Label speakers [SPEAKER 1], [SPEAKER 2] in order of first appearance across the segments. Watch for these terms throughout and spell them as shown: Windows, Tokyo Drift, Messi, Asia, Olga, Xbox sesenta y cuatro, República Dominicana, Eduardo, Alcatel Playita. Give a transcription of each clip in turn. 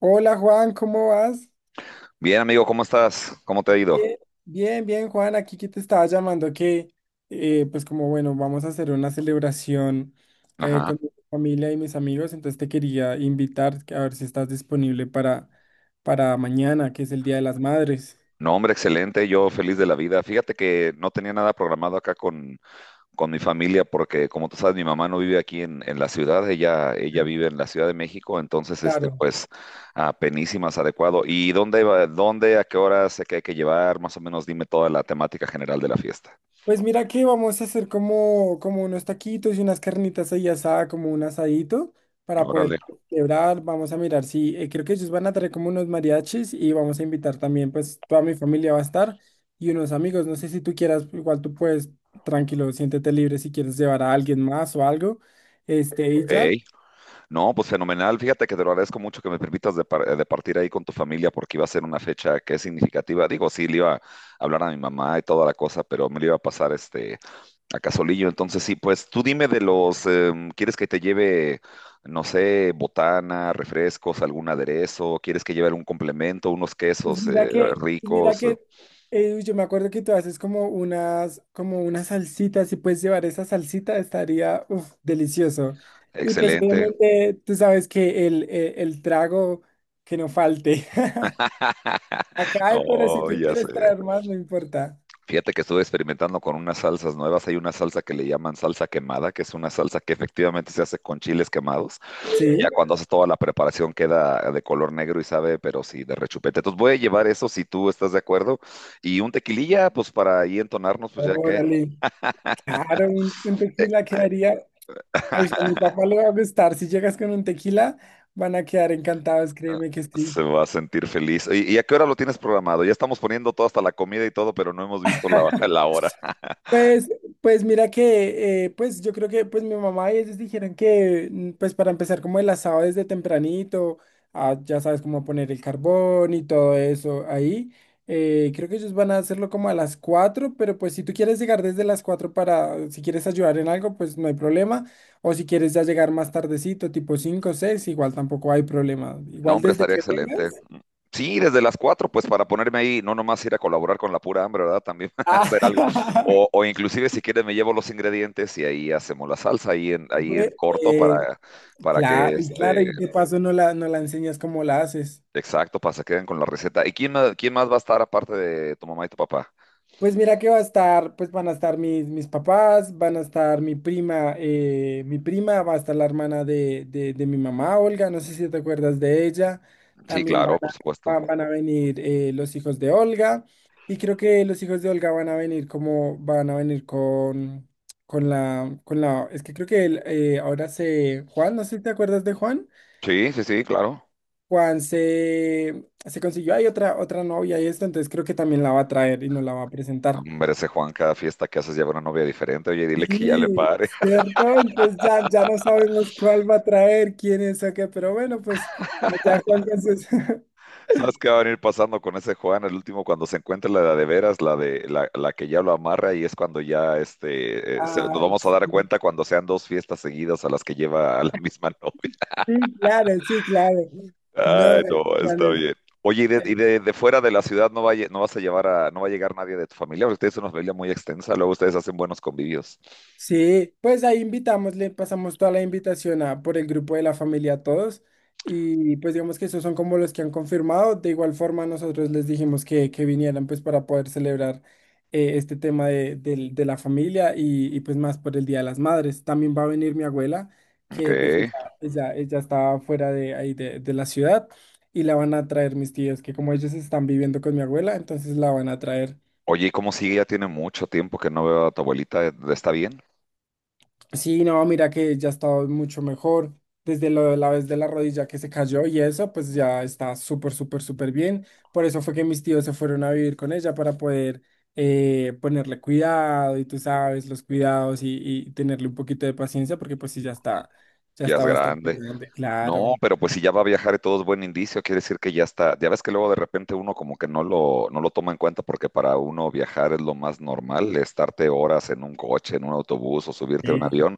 [SPEAKER 1] Hola Juan, ¿cómo vas?
[SPEAKER 2] Bien, amigo, ¿cómo estás? ¿Cómo te ha ido?
[SPEAKER 1] Bien. Bien Juan, aquí que te estaba llamando que, vamos a hacer una celebración
[SPEAKER 2] Ajá.
[SPEAKER 1] con mi familia y mis amigos, entonces te quería invitar, que a ver si estás disponible para mañana, que es el Día de las Madres.
[SPEAKER 2] No, hombre, excelente, yo feliz de la vida. Fíjate que no tenía nada programado acá con mi familia porque, como tú sabes, mi mamá no vive aquí en la ciudad, ella vive en la Ciudad de México, entonces,
[SPEAKER 1] Claro.
[SPEAKER 2] pues, apenísimas, adecuado. ¿Y dónde, a qué hora sé que hay que llevar? Más o menos dime toda la temática general de la fiesta.
[SPEAKER 1] Pues mira que vamos a hacer como unos taquitos y unas carnitas ahí asada, como un asadito, para
[SPEAKER 2] Órale,
[SPEAKER 1] poder celebrar. Vamos a mirar si, creo que ellos van a traer como unos mariachis y vamos a invitar también, pues toda mi familia va a estar y unos amigos. No sé si tú quieras, igual tú puedes, tranquilo, siéntete libre si quieres llevar a alguien más o algo. Este, y
[SPEAKER 2] ok.
[SPEAKER 1] ya.
[SPEAKER 2] No, pues fenomenal. Fíjate que te lo agradezco mucho que me permitas de partir ahí con tu familia porque iba a ser una fecha que es significativa. Digo, sí, le iba a hablar a mi mamá y toda la cosa, pero me lo iba a pasar a Casolillo. Entonces, sí, pues tú dime de los, ¿quieres que te lleve, no sé, botana, refrescos, algún aderezo? ¿Quieres que lleve algún complemento, unos
[SPEAKER 1] Pues
[SPEAKER 2] quesos
[SPEAKER 1] mira que, pues mira
[SPEAKER 2] ricos?
[SPEAKER 1] que eh, yo me acuerdo que tú haces como unas salsitas y puedes llevar esa salsita, estaría, uf, delicioso. Y pues
[SPEAKER 2] Excelente.
[SPEAKER 1] obviamente tú sabes que el trago que no falte. Acá hay, pero si
[SPEAKER 2] No,
[SPEAKER 1] tú
[SPEAKER 2] ya sé.
[SPEAKER 1] quieres traer más, no importa.
[SPEAKER 2] Fíjate que estuve experimentando con unas salsas nuevas. Hay una salsa que le llaman salsa quemada, que es una salsa que efectivamente se hace con chiles quemados. Y
[SPEAKER 1] Sí,
[SPEAKER 2] ya cuando haces toda la preparación queda de color negro y sabe, pero sí, de rechupete. Entonces voy a llevar eso si tú estás de acuerdo. Y un tequililla, pues para ahí entonarnos, pues ya que
[SPEAKER 1] órale, claro, un
[SPEAKER 2] eh,
[SPEAKER 1] tequila quedaría. Ay, a mi papá le va a gustar. Si llegas con un tequila, van a quedar encantados, créeme que sí.
[SPEAKER 2] se va a sentir feliz. Y a qué hora lo tienes programado? Ya estamos poniendo todo hasta la comida y todo, pero no hemos visto la, la hora.
[SPEAKER 1] Pues, pues mira que, pues yo creo que, pues, mi mamá y ellos dijeron que, pues, para empezar como el asado desde tempranito, ah, ya sabes, cómo poner el carbón y todo eso ahí, creo que ellos van a hacerlo como a las 4, pero pues si tú quieres llegar desde las 4 para, si quieres ayudar en algo, pues no hay problema, o si quieres ya llegar más tardecito, tipo 5 o seis, igual tampoco hay problema,
[SPEAKER 2] No,
[SPEAKER 1] igual
[SPEAKER 2] hombre,
[SPEAKER 1] desde
[SPEAKER 2] estaría
[SPEAKER 1] que
[SPEAKER 2] excelente.
[SPEAKER 1] vengas.
[SPEAKER 2] Sí, desde las 4, pues para ponerme ahí, no nomás ir a colaborar con la pura hambre, ¿verdad? También hacer algo.
[SPEAKER 1] Ah,
[SPEAKER 2] O inclusive si quieres me llevo los ingredientes y ahí hacemos la salsa ahí en
[SPEAKER 1] Pues,
[SPEAKER 2] corto
[SPEAKER 1] eh,
[SPEAKER 2] para que
[SPEAKER 1] claro, y claro, y de paso no la enseñas cómo la haces.
[SPEAKER 2] exacto, para que se queden con la receta. ¿Y quién más va a estar aparte de tu mamá y tu papá?
[SPEAKER 1] Pues mira que va a estar, pues van a estar mis papás, van a estar mi prima, va a estar la hermana de mi mamá, Olga, no sé si te acuerdas de ella.
[SPEAKER 2] Sí,
[SPEAKER 1] También van
[SPEAKER 2] claro,
[SPEAKER 1] a,
[SPEAKER 2] por supuesto.
[SPEAKER 1] van a venir, los hijos de Olga. Y creo que los hijos de Olga van a venir van a venir con la, es que creo que Juan, no sé si te acuerdas de Juan.
[SPEAKER 2] Sí, sí, sí, claro.
[SPEAKER 1] Se consiguió hay otra, otra novia y esto, entonces creo que también la va a traer y nos la va a presentar.
[SPEAKER 2] Hombre, ese Juan, cada fiesta que haces lleva una novia diferente. Oye, dile que ya le
[SPEAKER 1] Sí,
[SPEAKER 2] pare.
[SPEAKER 1] ¿cierto? Entonces ya, ya no sabemos cuál va a traer, quién es o qué, pero bueno, pues ya Juan con sus...
[SPEAKER 2] ¿Sabes qué va a venir pasando con ese Juan? El último, cuando se encuentre la de, veras, la de la, la que ya lo amarra, y es cuando ya nos
[SPEAKER 1] Ah,
[SPEAKER 2] vamos a dar
[SPEAKER 1] sí,
[SPEAKER 2] cuenta cuando sean dos fiestas seguidas a las que lleva a la misma novia.
[SPEAKER 1] sí, claro, sí, claro. No,
[SPEAKER 2] Ay,
[SPEAKER 1] el
[SPEAKER 2] no,
[SPEAKER 1] plan
[SPEAKER 2] está
[SPEAKER 1] es...
[SPEAKER 2] bien. Oye, de fuera de la ciudad no vas a llevar a, no va a llegar nadie de tu familia, porque ustedes son una familia muy extensa, luego ustedes hacen buenos convivios.
[SPEAKER 1] Sí, pues ahí invitamos, le pasamos toda la invitación, por el grupo de la familia, a todos, y pues digamos que esos son como los que han confirmado. De igual forma nosotros les dijimos que vinieran, pues, para poder celebrar este tema de la familia, y pues más por el Día de las Madres. También va a venir mi abuela
[SPEAKER 2] Ok.
[SPEAKER 1] que pues ella está fuera de ahí de la ciudad y la van a traer mis tíos, que como ellos están viviendo con mi abuela, entonces la van a traer.
[SPEAKER 2] Oye, ¿y cómo sigue? Ya tiene mucho tiempo que no veo a tu abuelita, ¿está bien?
[SPEAKER 1] Sí, no, mira que ya está mucho mejor. Desde lo de la vez de la rodilla que se cayó y eso, pues ya está súper, súper, súper bien. Por eso fue que mis tíos se fueron a vivir con ella para poder, ponerle cuidado, y tú sabes, los cuidados, y tenerle un poquito de paciencia, porque pues sí, ya
[SPEAKER 2] Ya es
[SPEAKER 1] está bastante
[SPEAKER 2] grande.
[SPEAKER 1] grande,
[SPEAKER 2] No,
[SPEAKER 1] claro.
[SPEAKER 2] pero pues si ya va a viajar y todo es buen indicio, quiere decir que ya está. Ya ves que luego de repente uno como que no lo toma en cuenta porque para uno viajar es lo más normal, estarte horas en un coche, en un autobús o subirte a un
[SPEAKER 1] Sí.
[SPEAKER 2] avión.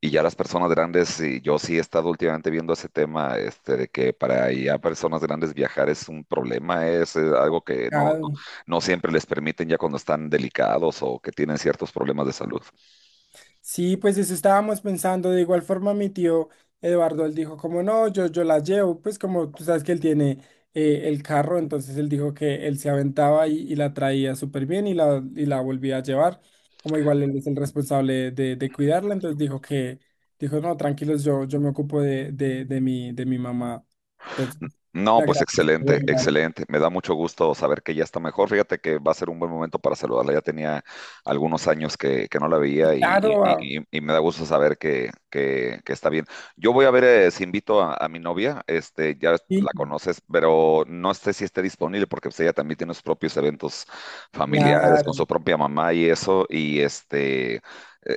[SPEAKER 2] Y ya las personas grandes, y yo sí he estado últimamente viendo ese tema, de que para ya personas grandes viajar es un problema, algo que
[SPEAKER 1] Complicado.
[SPEAKER 2] no siempre les permiten ya cuando están delicados o que tienen ciertos problemas de salud.
[SPEAKER 1] Sí, pues eso estábamos pensando. De igual forma, mi tío Eduardo, él dijo como, no, yo la llevo, pues como tú sabes que él tiene, el carro, entonces él dijo que él se aventaba y la traía súper bien y y la volvía a llevar, como igual él es el responsable de cuidarla, entonces dijo que, dijo, no, tranquilos, yo me ocupo de mi mamá. Entonces,
[SPEAKER 2] No,
[SPEAKER 1] la
[SPEAKER 2] pues
[SPEAKER 1] gracias.
[SPEAKER 2] excelente, excelente. Me da mucho gusto saber que ya está mejor. Fíjate que va a ser un buen momento para saludarla. Ya tenía algunos años que no la veía
[SPEAKER 1] Claro. Ah,
[SPEAKER 2] y me da gusto saber que está bien. Yo voy a ver si invito a mi novia, este, ya
[SPEAKER 1] sí,
[SPEAKER 2] la conoces, pero no sé si esté disponible porque pues, ella también tiene sus propios eventos familiares con su
[SPEAKER 1] claro,
[SPEAKER 2] propia mamá y eso. Y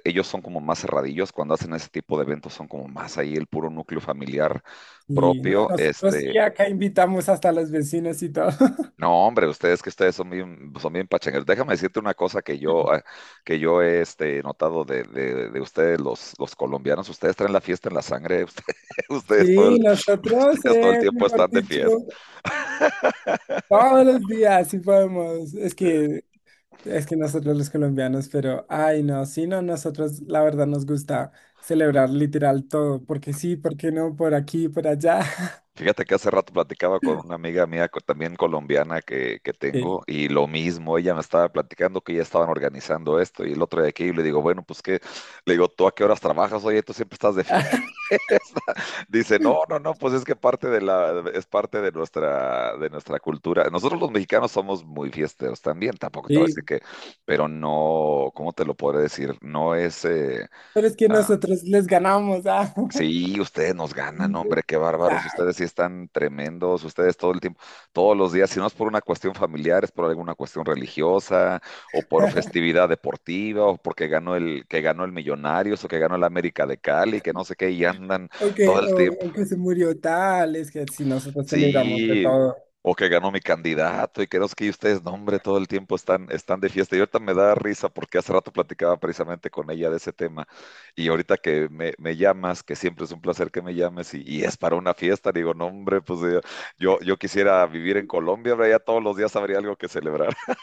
[SPEAKER 2] ellos son como más cerradillos cuando hacen ese tipo de eventos, son como más ahí el puro núcleo familiar
[SPEAKER 1] sí. No,
[SPEAKER 2] propio,
[SPEAKER 1] nosotros sí acá invitamos hasta los vecinos y todo.
[SPEAKER 2] no, hombre, ustedes que ustedes son bien pachangueros. Déjame decirte una cosa que yo he notado de ustedes, los colombianos. Ustedes traen la fiesta en la sangre. Ustedes todo el,
[SPEAKER 1] Sí, nosotros,
[SPEAKER 2] ustedes todo el tiempo
[SPEAKER 1] mejor
[SPEAKER 2] están de
[SPEAKER 1] dicho,
[SPEAKER 2] fiesta.
[SPEAKER 1] todos los días, sí podemos. Es que nosotros los colombianos, pero ay no, sí, no, nosotros la verdad nos gusta celebrar literal todo, porque sí, porque no, por aquí, por allá.
[SPEAKER 2] Fíjate que hace rato platicaba con una amiga mía, co- también colombiana que tengo,
[SPEAKER 1] Sí.
[SPEAKER 2] y lo mismo, ella me estaba platicando que ya estaban organizando esto y el otro de aquí, y le digo, bueno, pues qué, le digo, ¿tú a qué horas trabajas? Oye, tú siempre estás de fiesta. Dice, no, no, no, pues es que parte de la, es parte de nuestra cultura. Nosotros los mexicanos somos muy fiesteros también, tampoco te voy a decir
[SPEAKER 1] Sí,
[SPEAKER 2] que, pero no, ¿cómo te lo podré decir? No es,
[SPEAKER 1] pero es que
[SPEAKER 2] ah,
[SPEAKER 1] nosotros les ganamos, ah.
[SPEAKER 2] sí, ustedes nos ganan,
[SPEAKER 1] O
[SPEAKER 2] hombre, qué bárbaros,
[SPEAKER 1] sea,
[SPEAKER 2] ustedes sí están tremendos, ustedes todo el tiempo, todos los días, si no es por una cuestión familiar, es por alguna cuestión religiosa, o por festividad deportiva, o porque que ganó el Millonarios, o que ganó el América de Cali, que no sé qué, y andan
[SPEAKER 1] o
[SPEAKER 2] todo
[SPEAKER 1] que,
[SPEAKER 2] el tiempo.
[SPEAKER 1] o que se murió tal, es que si nosotros celebramos de
[SPEAKER 2] Sí,
[SPEAKER 1] todo.
[SPEAKER 2] o que ganó mi candidato y que no sé qué, y ustedes, no, hombre, todo el tiempo están de fiesta. Y ahorita me da risa porque hace rato platicaba precisamente con ella de ese tema. Y ahorita que me llamas, que siempre es un placer que me llames, y es para una fiesta, digo, no, hombre, pues yo quisiera vivir en Colombia, hombre, ya todos los días habría algo que celebrar.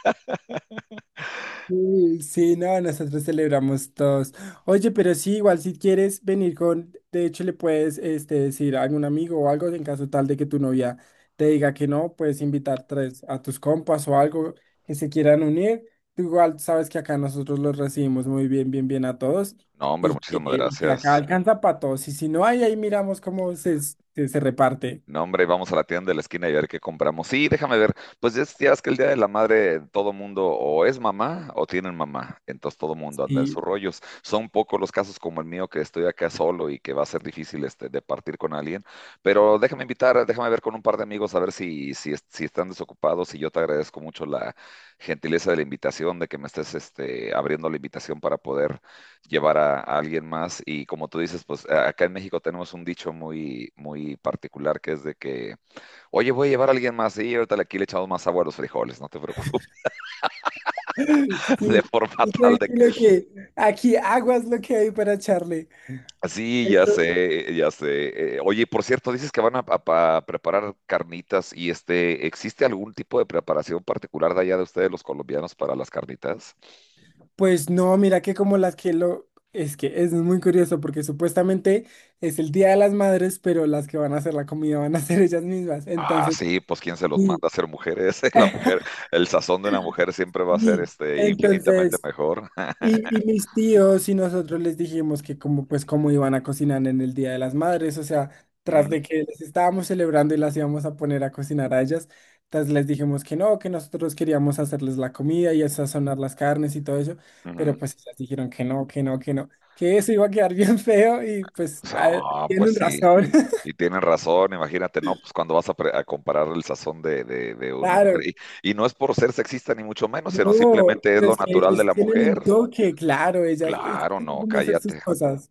[SPEAKER 1] Sí, sí, no, nosotros celebramos todos. Oye, pero sí, igual si quieres venir con, de hecho le puedes, este, decir a algún amigo o algo, en caso tal de que tu novia te diga que no, puedes invitar tres a tus compas o algo que se quieran unir. Tú igual sabes que acá nosotros los recibimos muy bien, bien, bien a todos,
[SPEAKER 2] No, hombre,
[SPEAKER 1] y que,
[SPEAKER 2] muchísimas
[SPEAKER 1] y que acá
[SPEAKER 2] gracias.
[SPEAKER 1] alcanza para todos. Y si no hay, ahí miramos cómo se reparte.
[SPEAKER 2] No, hombre, vamos a la tienda de la esquina y a ver qué compramos. Sí, déjame ver. Pues es- ya es que el Día de la Madre todo mundo o es mamá o tienen mamá. Entonces todo mundo anda en sus
[SPEAKER 1] Sí.
[SPEAKER 2] rollos. Son pocos los casos como el mío que estoy acá solo y que va a ser difícil de partir con alguien. Pero déjame invitar, déjame ver con un par de amigos a ver si están desocupados. Y yo te agradezco mucho la gentileza de la invitación, de que me estés abriendo la invitación para poder llevar a alguien más. Y como tú dices, pues a- acá en México tenemos un dicho muy, muy particular que es de que, oye, voy a llevar a alguien más y ahorita aquí le echamos más agua a los frijoles, no te preocupes, de
[SPEAKER 1] Sí,
[SPEAKER 2] forma
[SPEAKER 1] tú
[SPEAKER 2] tal de que...
[SPEAKER 1] tranquilo, que aquí aguas lo que hay para echarle.
[SPEAKER 2] Sí, ya sé, ya sé. Oye, por cierto, dices que van a preparar carnitas y ¿existe algún tipo de preparación particular de allá de ustedes, los colombianos, para las carnitas?
[SPEAKER 1] Pues no, mira que como las que lo... Es que es muy curioso, porque supuestamente es el Día de las Madres, pero las que van a hacer la comida van a ser ellas mismas.
[SPEAKER 2] Ah,
[SPEAKER 1] Entonces,
[SPEAKER 2] sí, pues quién se los
[SPEAKER 1] sí.
[SPEAKER 2] manda a ser mujeres, la mujer, el sazón de una mujer siempre va a ser
[SPEAKER 1] Sí.
[SPEAKER 2] infinitamente
[SPEAKER 1] Entonces,
[SPEAKER 2] mejor.
[SPEAKER 1] y mis tíos y nosotros les dijimos que, como pues, cómo iban a cocinar en el Día de las Madres, o sea, tras de que les estábamos celebrando y las íbamos a poner a cocinar a ellas, tras les dijimos que no, que nosotros queríamos hacerles la comida y sazonar las carnes y todo eso,
[SPEAKER 2] Ujú.
[SPEAKER 1] pero pues ellas dijeron que no, que no, que no, que eso iba a quedar bien feo, y pues ah,
[SPEAKER 2] No, pues
[SPEAKER 1] tienen
[SPEAKER 2] sí,
[SPEAKER 1] razón.
[SPEAKER 2] y tienen razón, imagínate, no, pues cuando vas a comparar el sazón de una
[SPEAKER 1] Claro.
[SPEAKER 2] mujer, y no es por ser sexista ni mucho menos, sino
[SPEAKER 1] No,
[SPEAKER 2] simplemente es
[SPEAKER 1] pero
[SPEAKER 2] lo
[SPEAKER 1] es que
[SPEAKER 2] natural de
[SPEAKER 1] ellos
[SPEAKER 2] la
[SPEAKER 1] tienen
[SPEAKER 2] mujer.
[SPEAKER 1] un toque, claro, ellas
[SPEAKER 2] Claro,
[SPEAKER 1] saben
[SPEAKER 2] no,
[SPEAKER 1] cómo hacer sus
[SPEAKER 2] cállate.
[SPEAKER 1] cosas.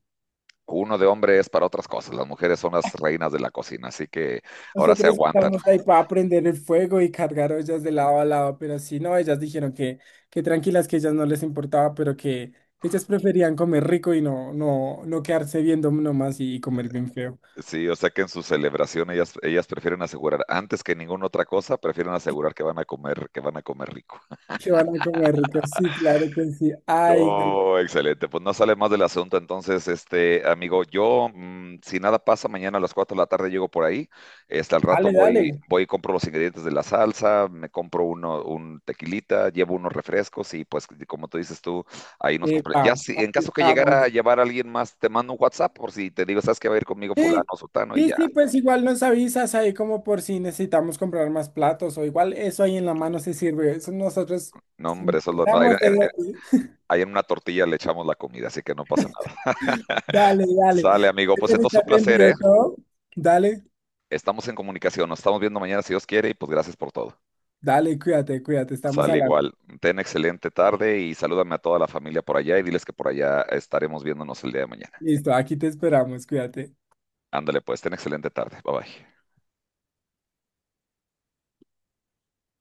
[SPEAKER 2] Uno de hombre es para otras cosas, las mujeres son las reinas de la cocina, así que ahora se
[SPEAKER 1] Nosotros
[SPEAKER 2] aguantan.
[SPEAKER 1] estamos ahí para aprender el fuego y cargar ollas de lado a lado, pero sí, no, ellas dijeron que tranquilas, que ellas no les importaba, pero que ellas preferían comer rico y no, no, no quedarse viendo nomás y comer bien feo.
[SPEAKER 2] Sí, o sea que en su celebración ellas prefieren asegurar, antes que ninguna otra cosa, prefieren asegurar que van a comer, que van a comer rico.
[SPEAKER 1] Que van a comer rico, sí, claro que sí. Ay, no.
[SPEAKER 2] Oh, excelente. Pues no sale más del asunto. Entonces, este amigo, yo, si nada pasa, mañana a las 4 de la tarde llego por ahí. Este, al rato
[SPEAKER 1] Dale, dale.
[SPEAKER 2] voy y compro los ingredientes de la salsa, me compro un tequilita, llevo unos refrescos y pues, como tú dices tú, ahí nos compré. Ya,
[SPEAKER 1] Epa,
[SPEAKER 2] si en
[SPEAKER 1] aquí
[SPEAKER 2] caso que llegara
[SPEAKER 1] estamos.
[SPEAKER 2] a llevar a alguien más, te mando un WhatsApp por si te digo, ¿sabes qué va a ir conmigo fulano,
[SPEAKER 1] Sí,
[SPEAKER 2] sotano? Y
[SPEAKER 1] sí,
[SPEAKER 2] ya.
[SPEAKER 1] sí, pues igual nos avisas ahí, como por si necesitamos comprar más platos, o igual eso ahí en la mano se sirve. Eso nosotros
[SPEAKER 2] No, hombre, eso es lo... Ahí,
[SPEAKER 1] intentamos de...
[SPEAKER 2] ahí en una tortilla le echamos la comida, así que no pasa nada.
[SPEAKER 1] Dale, dale.
[SPEAKER 2] Sale, amigo. Pues entonces
[SPEAKER 1] Ahorita
[SPEAKER 2] un
[SPEAKER 1] te
[SPEAKER 2] placer, ¿eh?
[SPEAKER 1] envío todo. Dale,
[SPEAKER 2] Estamos en comunicación, nos estamos viendo mañana si Dios quiere y pues gracias por todo.
[SPEAKER 1] dale, cuídate, cuídate. Estamos
[SPEAKER 2] Sale
[SPEAKER 1] hablando.
[SPEAKER 2] igual. Ten excelente tarde y salúdame a toda la familia por allá y diles que por allá estaremos viéndonos el día de mañana.
[SPEAKER 1] Listo, aquí te esperamos, cuídate.
[SPEAKER 2] Ándale pues, ten excelente tarde. Bye bye.